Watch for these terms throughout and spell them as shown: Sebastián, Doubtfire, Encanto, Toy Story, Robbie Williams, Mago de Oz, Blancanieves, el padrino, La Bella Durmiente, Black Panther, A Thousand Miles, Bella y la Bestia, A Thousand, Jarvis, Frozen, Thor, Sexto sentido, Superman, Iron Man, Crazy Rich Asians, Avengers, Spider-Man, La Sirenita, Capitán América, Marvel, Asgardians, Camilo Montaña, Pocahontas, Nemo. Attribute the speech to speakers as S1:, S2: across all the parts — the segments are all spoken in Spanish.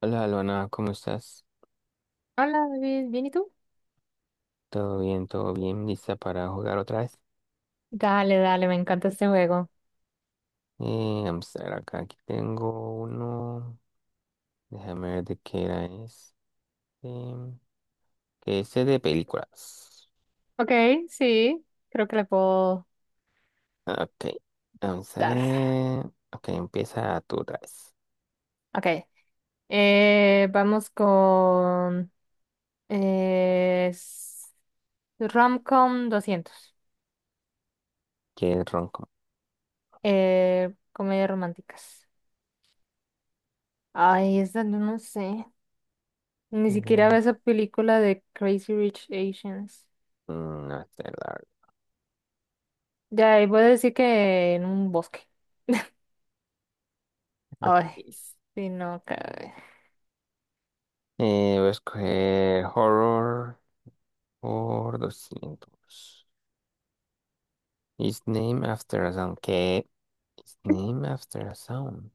S1: Hola, Luana, ¿cómo estás?
S2: Hola David, ¿bien y tú?
S1: ¿Todo bien? ¿Todo bien? ¿Lista para jugar otra vez?
S2: Dale, dale, me encanta este juego.
S1: Vamos a ver acá, aquí tengo uno. Déjame ver de qué era este. Que es de películas.
S2: Ok, sí, creo que le puedo
S1: Ok, vamos a
S2: dar.
S1: ver. Ok, empieza tú otra vez.
S2: Ok, vamos con eh, s- Romcom 200,
S1: ¿Qué es ronco?
S2: comedias románticas. Ay, esa no sé, ni siquiera
S1: Mm,
S2: veo esa película de Crazy Rich Asians.
S1: No sé, la
S2: Ya, y voy a decir que en un bosque.
S1: verdad.
S2: Ay,
S1: Please.
S2: sí, no,
S1: Voy a escoger horror por 200. Is named after a sound. ¿Qué? Is named after a sound.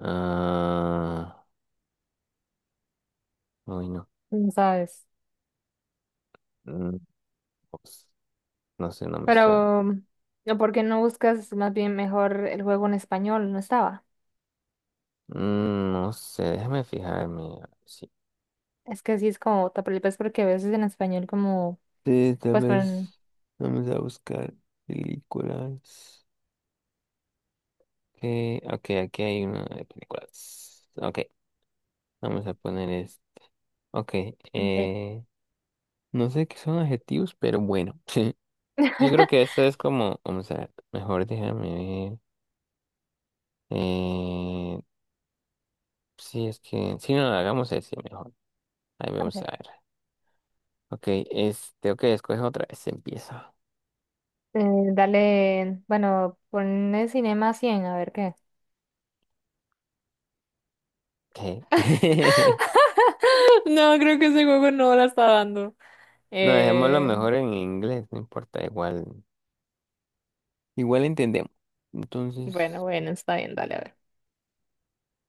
S1: Ah, uy, no.
S2: no sabes.
S1: Mm, pues, no sé, no me suena.
S2: Pero, ¿no? ¿Por qué no buscas más bien mejor el juego en español? No estaba.
S1: No sé, déjame fijarme, a ver
S2: Es que sí es como otra película, es porque a veces en español como,
S1: sí, tal
S2: pues pon,
S1: vez vamos a buscar películas. Okay, ok, aquí hay una de películas. Ok, vamos a poner es. Ok,
S2: eh,
S1: eh, no sé qué son adjetivos, pero bueno. Yo creo que esta es como, vamos a ver, mejor déjame ver. Eh, sí, es que, si no, hagamos ese mejor. Ahí vamos
S2: ok,
S1: a ver. Ok, este, ok, escoge otra vez, empieza.
S2: eh, dale, bueno, pon el Cinema 100 a ver qué.
S1: Ok.
S2: No, creo que ese juego no la está dando.
S1: No, dejémoslo
S2: Eh,
S1: mejor en inglés, no importa, igual, igual entendemos.
S2: bueno,
S1: Entonces,
S2: bueno, está bien, dale, a ver.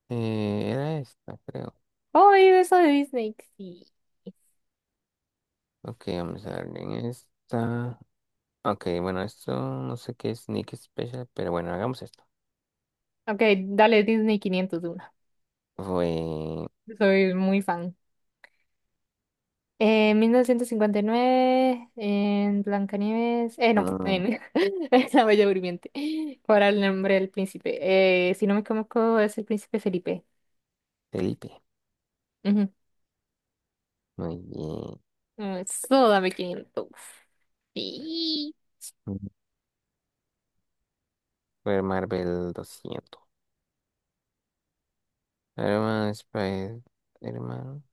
S1: era esta, creo.
S2: Oh, y eso de Disney, sí.
S1: Ok, vamos a darle en esta. Ok, bueno, esto no sé qué es Nick Special, pero bueno, hagamos esto.
S2: Ok, dale Disney 501.
S1: Fue
S2: Soy muy fan. En 1959, en Blancanieves, no,
S1: mm,
S2: en, en La Bella Durmiente, ¿cuál era el nombre del príncipe? Si no me equivoco, es el príncipe Felipe.
S1: Felipe.
S2: Ujú.
S1: Muy bien.
S2: Mm, eso, dame 500. Sí.
S1: Ujú. Fue Marvel 200. Herman Spider-Man.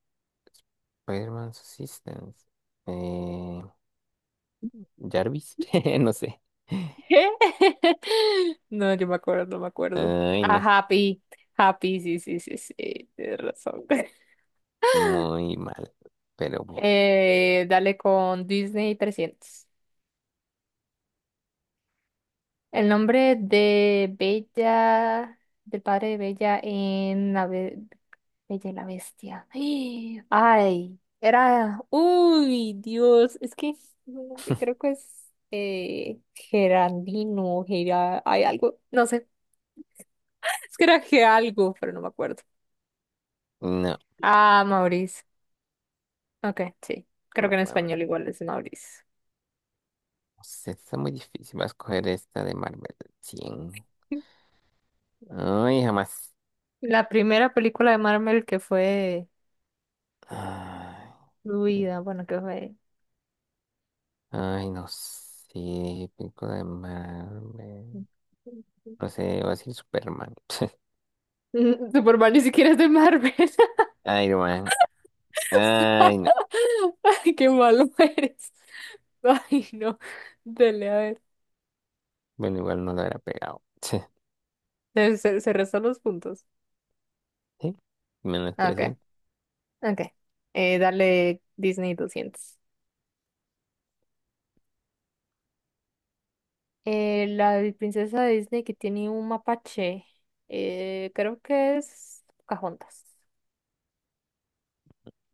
S1: Spider-Man's Assistance. Jarvis, no sé.
S2: ¿Qué? No, yo no me acuerdo.
S1: Ay, no,
S2: Ah, Happy, Happy, sí, sí, sí, sí, tienes razón.
S1: muy mal. Pero bueno,
S2: Dale con Disney 300. El nombre de del padre de Bella en Bella y la Bestia. ¡Ah! Ay, era, uy, Dios, es que no, creo que es Geraldino, hay algo, no sé, es que era Ge algo, pero no me acuerdo.
S1: no,
S2: Ah, Maurice, ok, sí, creo que en
S1: vamos,
S2: español igual es Maurice.
S1: esta está muy difícil. Vas a escoger esta de Marvel 100. Ay, jamás.
S2: La primera película de Marvel que fue
S1: Ay,
S2: fluida, bueno, que fue
S1: ay, no sé. Película de Marvel. No sé, va a decir Superman.
S2: mm, Superman ni siquiera es de Marvel.
S1: Iron Man. Ay, no.
S2: Ay, qué malo eres. Ay, no. Dale, a ver.
S1: Bueno, igual no lo habrá pegado.
S2: Se restan los puntos.
S1: ¿Sí? Menos
S2: Ah, ok,
S1: 300.
S2: ok. Dale Disney 200. La princesa de Disney que tiene un mapache. Creo que es Pocahontas.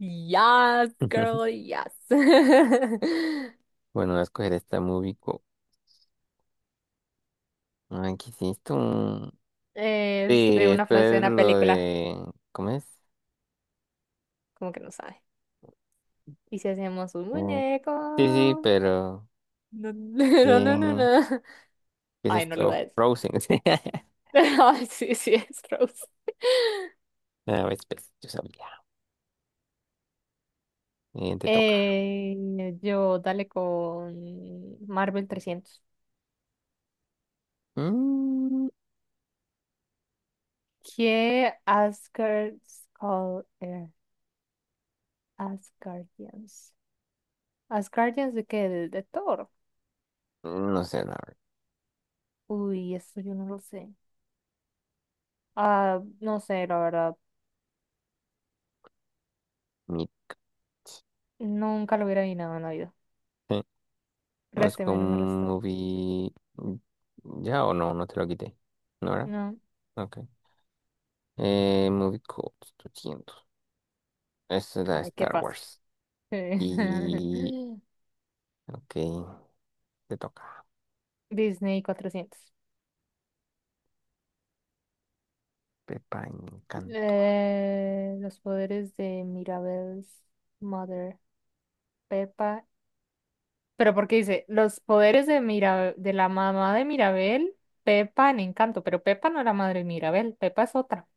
S2: Yes, girl, yes.
S1: Bueno, voy a escoger esta movie. Ay, ¿qué es esto? Sí,
S2: Es de una
S1: esto
S2: frase de
S1: es
S2: una
S1: lo
S2: película.
S1: de... ¿Cómo es?
S2: Como que no sabe. ¿Y si hacemos un
S1: Eh, sí, sí,
S2: muñeco?
S1: pero
S2: No, no, no, no,
S1: ¿quién?
S2: no.
S1: ¿Qué es
S2: Ay, no lo voy
S1: esto?
S2: a decir.
S1: Frozen.
S2: Ay, sí, sí, es Rose.
S1: A ver, pues, yo sabía. Te toca.
S2: Eh, yo dale con Marvel 300.
S1: Mm,
S2: ¿Qué Asgard's Call Asgardians? ¿Asgardians de qué? ¿De Thor?
S1: no sé, la verdad.
S2: Uy, eso yo no lo sé. Ah, no sé, la verdad.
S1: Meet.
S2: Nunca lo hubiera adivinado en la vida.
S1: Eh, ¿Es
S2: Résteme, no me
S1: con
S2: restó.
S1: movie... ¿Ya o no? No te lo quité. ¿No era?
S2: No.
S1: Ok. Movie Code 200. Esta es la de
S2: Ay, qué
S1: Star
S2: fácil.
S1: Wars. Y... Ok, te toca.
S2: Disney 400.
S1: Pepa Encanto.
S2: Los poderes de Mirabel's Mother, Peppa. Pero porque dice, los poderes de de la mamá de Mirabel, Peppa en Encanto, pero Peppa no es la madre de Mirabel, Peppa es otra.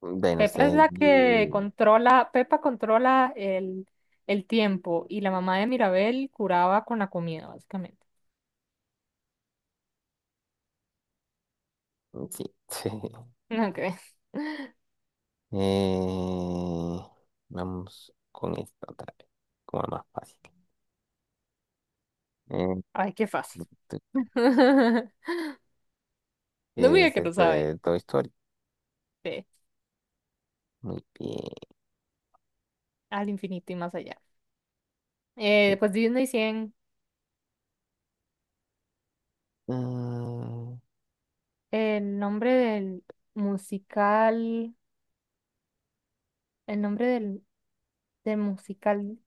S1: Bueno, no
S2: Peppa es
S1: sé.
S2: la que controla, Peppa controla el tiempo y la mamá de Mirabel curaba con la comida, básicamente.
S1: Sí.
S2: Ok.
S1: Eh, vamos con esta otra vez, como la más fácil. Eh,
S2: Ay, qué fácil.
S1: tu- tu-
S2: No me
S1: ¿Qué
S2: diga
S1: es
S2: que no
S1: esta
S2: sabe.
S1: de Toy Story?
S2: Sí,
S1: Muy bien.
S2: al infinito y más allá.
S1: Eh,
S2: Pues Disney 100.
S1: mm,
S2: El nombre del musical, el nombre del, del musical,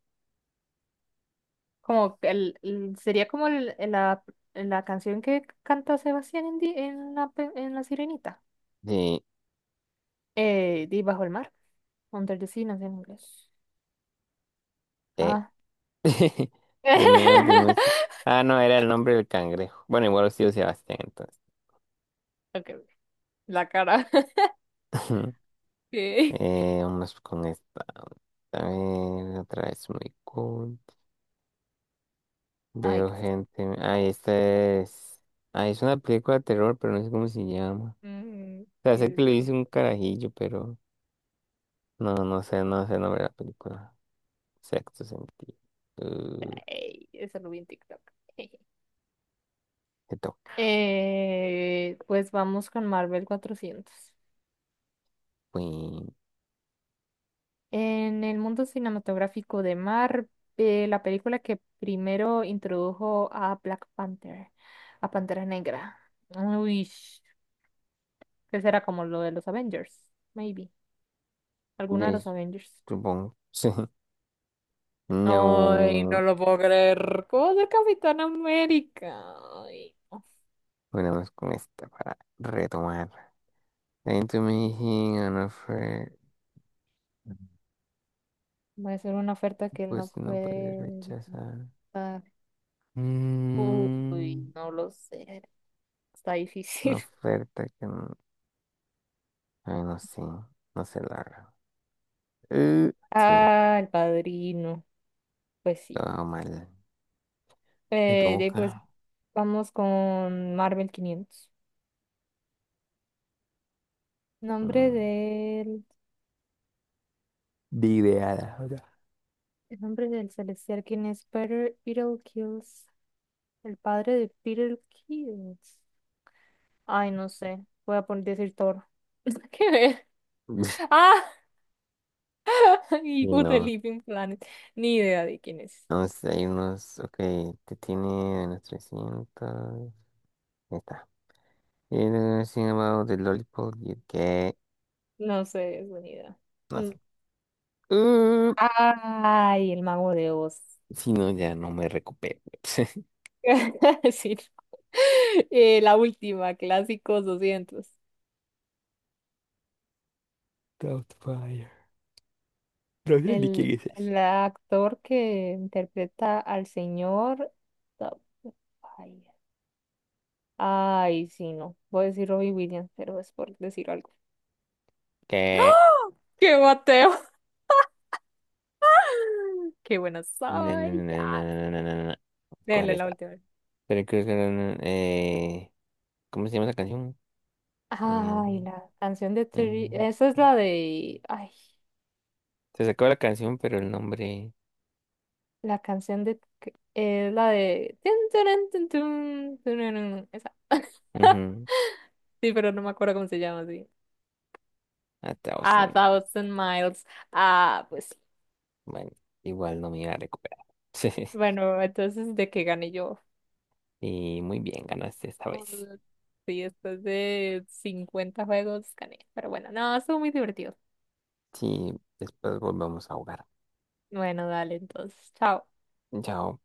S2: como que sería como la canción que canta Sebastián en la, en La Sirenita.
S1: De,
S2: Di Bajo el mar, Under the Sea, no sé en inglés.
S1: de,
S2: Ah.
S1: de Nemo, ah, no, era el nombre del cangrejo. Bueno, igual ha sido Sebastián, entonces.
S2: Ok, la cara. Sí.
S1: Vamos con esta. A ver, otra vez muy cool.
S2: Ay,
S1: Veo
S2: qué fácil.
S1: gente. Ah, esta es. Ah, es una película de terror, pero no sé cómo se llama.
S2: Mm,
S1: Sea, sé
S2: sí,
S1: que le
S2: pero-
S1: hice un carajillo, pero no, no sé, no sé el nombre de la película. Sexto sentido. Eh,
S2: ey, eso lo vi en TikTok.
S1: ¿Qué toca?
S2: Pues vamos con Marvel 400.
S1: Bueno,
S2: En el mundo cinematográfico de Marvel, la película que primero introdujo a Black Panther, a Pantera Negra. Uy, que será como lo de los Avengers, maybe.
S1: pues,
S2: Alguna de los Avengers.
S1: supongo. Sí.
S2: Ay, no
S1: No.
S2: lo puedo creer. ¿Cómo de Capitán América? Ay, no.
S1: Bueno, vamos con esta para retomar. Then to me he an offer.
S2: Va a ser una oferta que él no
S1: Pues no puede
S2: puede
S1: rechazar.
S2: dar.
S1: Mm,
S2: Uy, no lo sé. Está
S1: una
S2: difícil.
S1: oferta que no. Ay, no sé. No sé la verdad. Eh, sí, no.
S2: Ah, el padrino. Pues sí.
S1: Todo mal. Te
S2: De ahí, pues
S1: toca.
S2: Vamos con Marvel 500. Nombre
S1: Mm,
S2: del,
S1: de ideada.
S2: el nombre del celestial, ¿quién es Peter Kills? El padre de Peter Kills. Ay, no sé. Voy a poner decir Thor. ¿Qué ver? Ah, y
S1: Y
S2: Good The
S1: no,
S2: Living Planet. Ni idea de quién es.
S1: no sé, hay unos, ok, te tiene a unos 300, ya está. Y el llamado de Lollipop, y el que,
S2: No sé, es buena idea.
S1: no
S2: Mm.
S1: sé. Uh,
S2: Ay, el mago de Oz.
S1: si no, ya no me recupero.
S2: Sí. No. La última, clásicos 200.
S1: Doubtfire. No sé ni
S2: El,
S1: quién es ese.
S2: el actor que interpreta al señor. No, ay, ay, sí, no. Voy a decir Robbie Williams, pero es por decir algo.
S1: Que,
S2: ¡Qué Mateo! ¡Qué buena
S1: na, na,
S2: soy!
S1: na, na,
S2: ¡Ya!
S1: na, na, na, na, na. Coger
S2: Déjale la
S1: esta.
S2: última vez.
S1: Pero creo que, era una ¿cómo se llama la canción? Eh,
S2: Ay, la canción de Terry.
S1: em,
S2: Esa es la de. Ay,
S1: se sacó la canción, pero el nombre,
S2: la canción de. Es la de tun, turun, tun, tun, tururun. Esa.
S1: ujú,
S2: Sí, pero no me acuerdo cómo se llama así.
S1: a
S2: A
S1: Thousand.
S2: Thousand Miles. Ah, pues.
S1: Bueno, igual no me iba a recuperar.
S2: Bueno, entonces de que gané yo.
S1: Y muy bien, ganaste esta vez.
S2: Mm, sí, después de 50 juegos gané. Pero bueno, no, estuvo muy divertido.
S1: Sí, después volvemos a jugar.
S2: Bueno, dale, entonces, chao.
S1: Chao.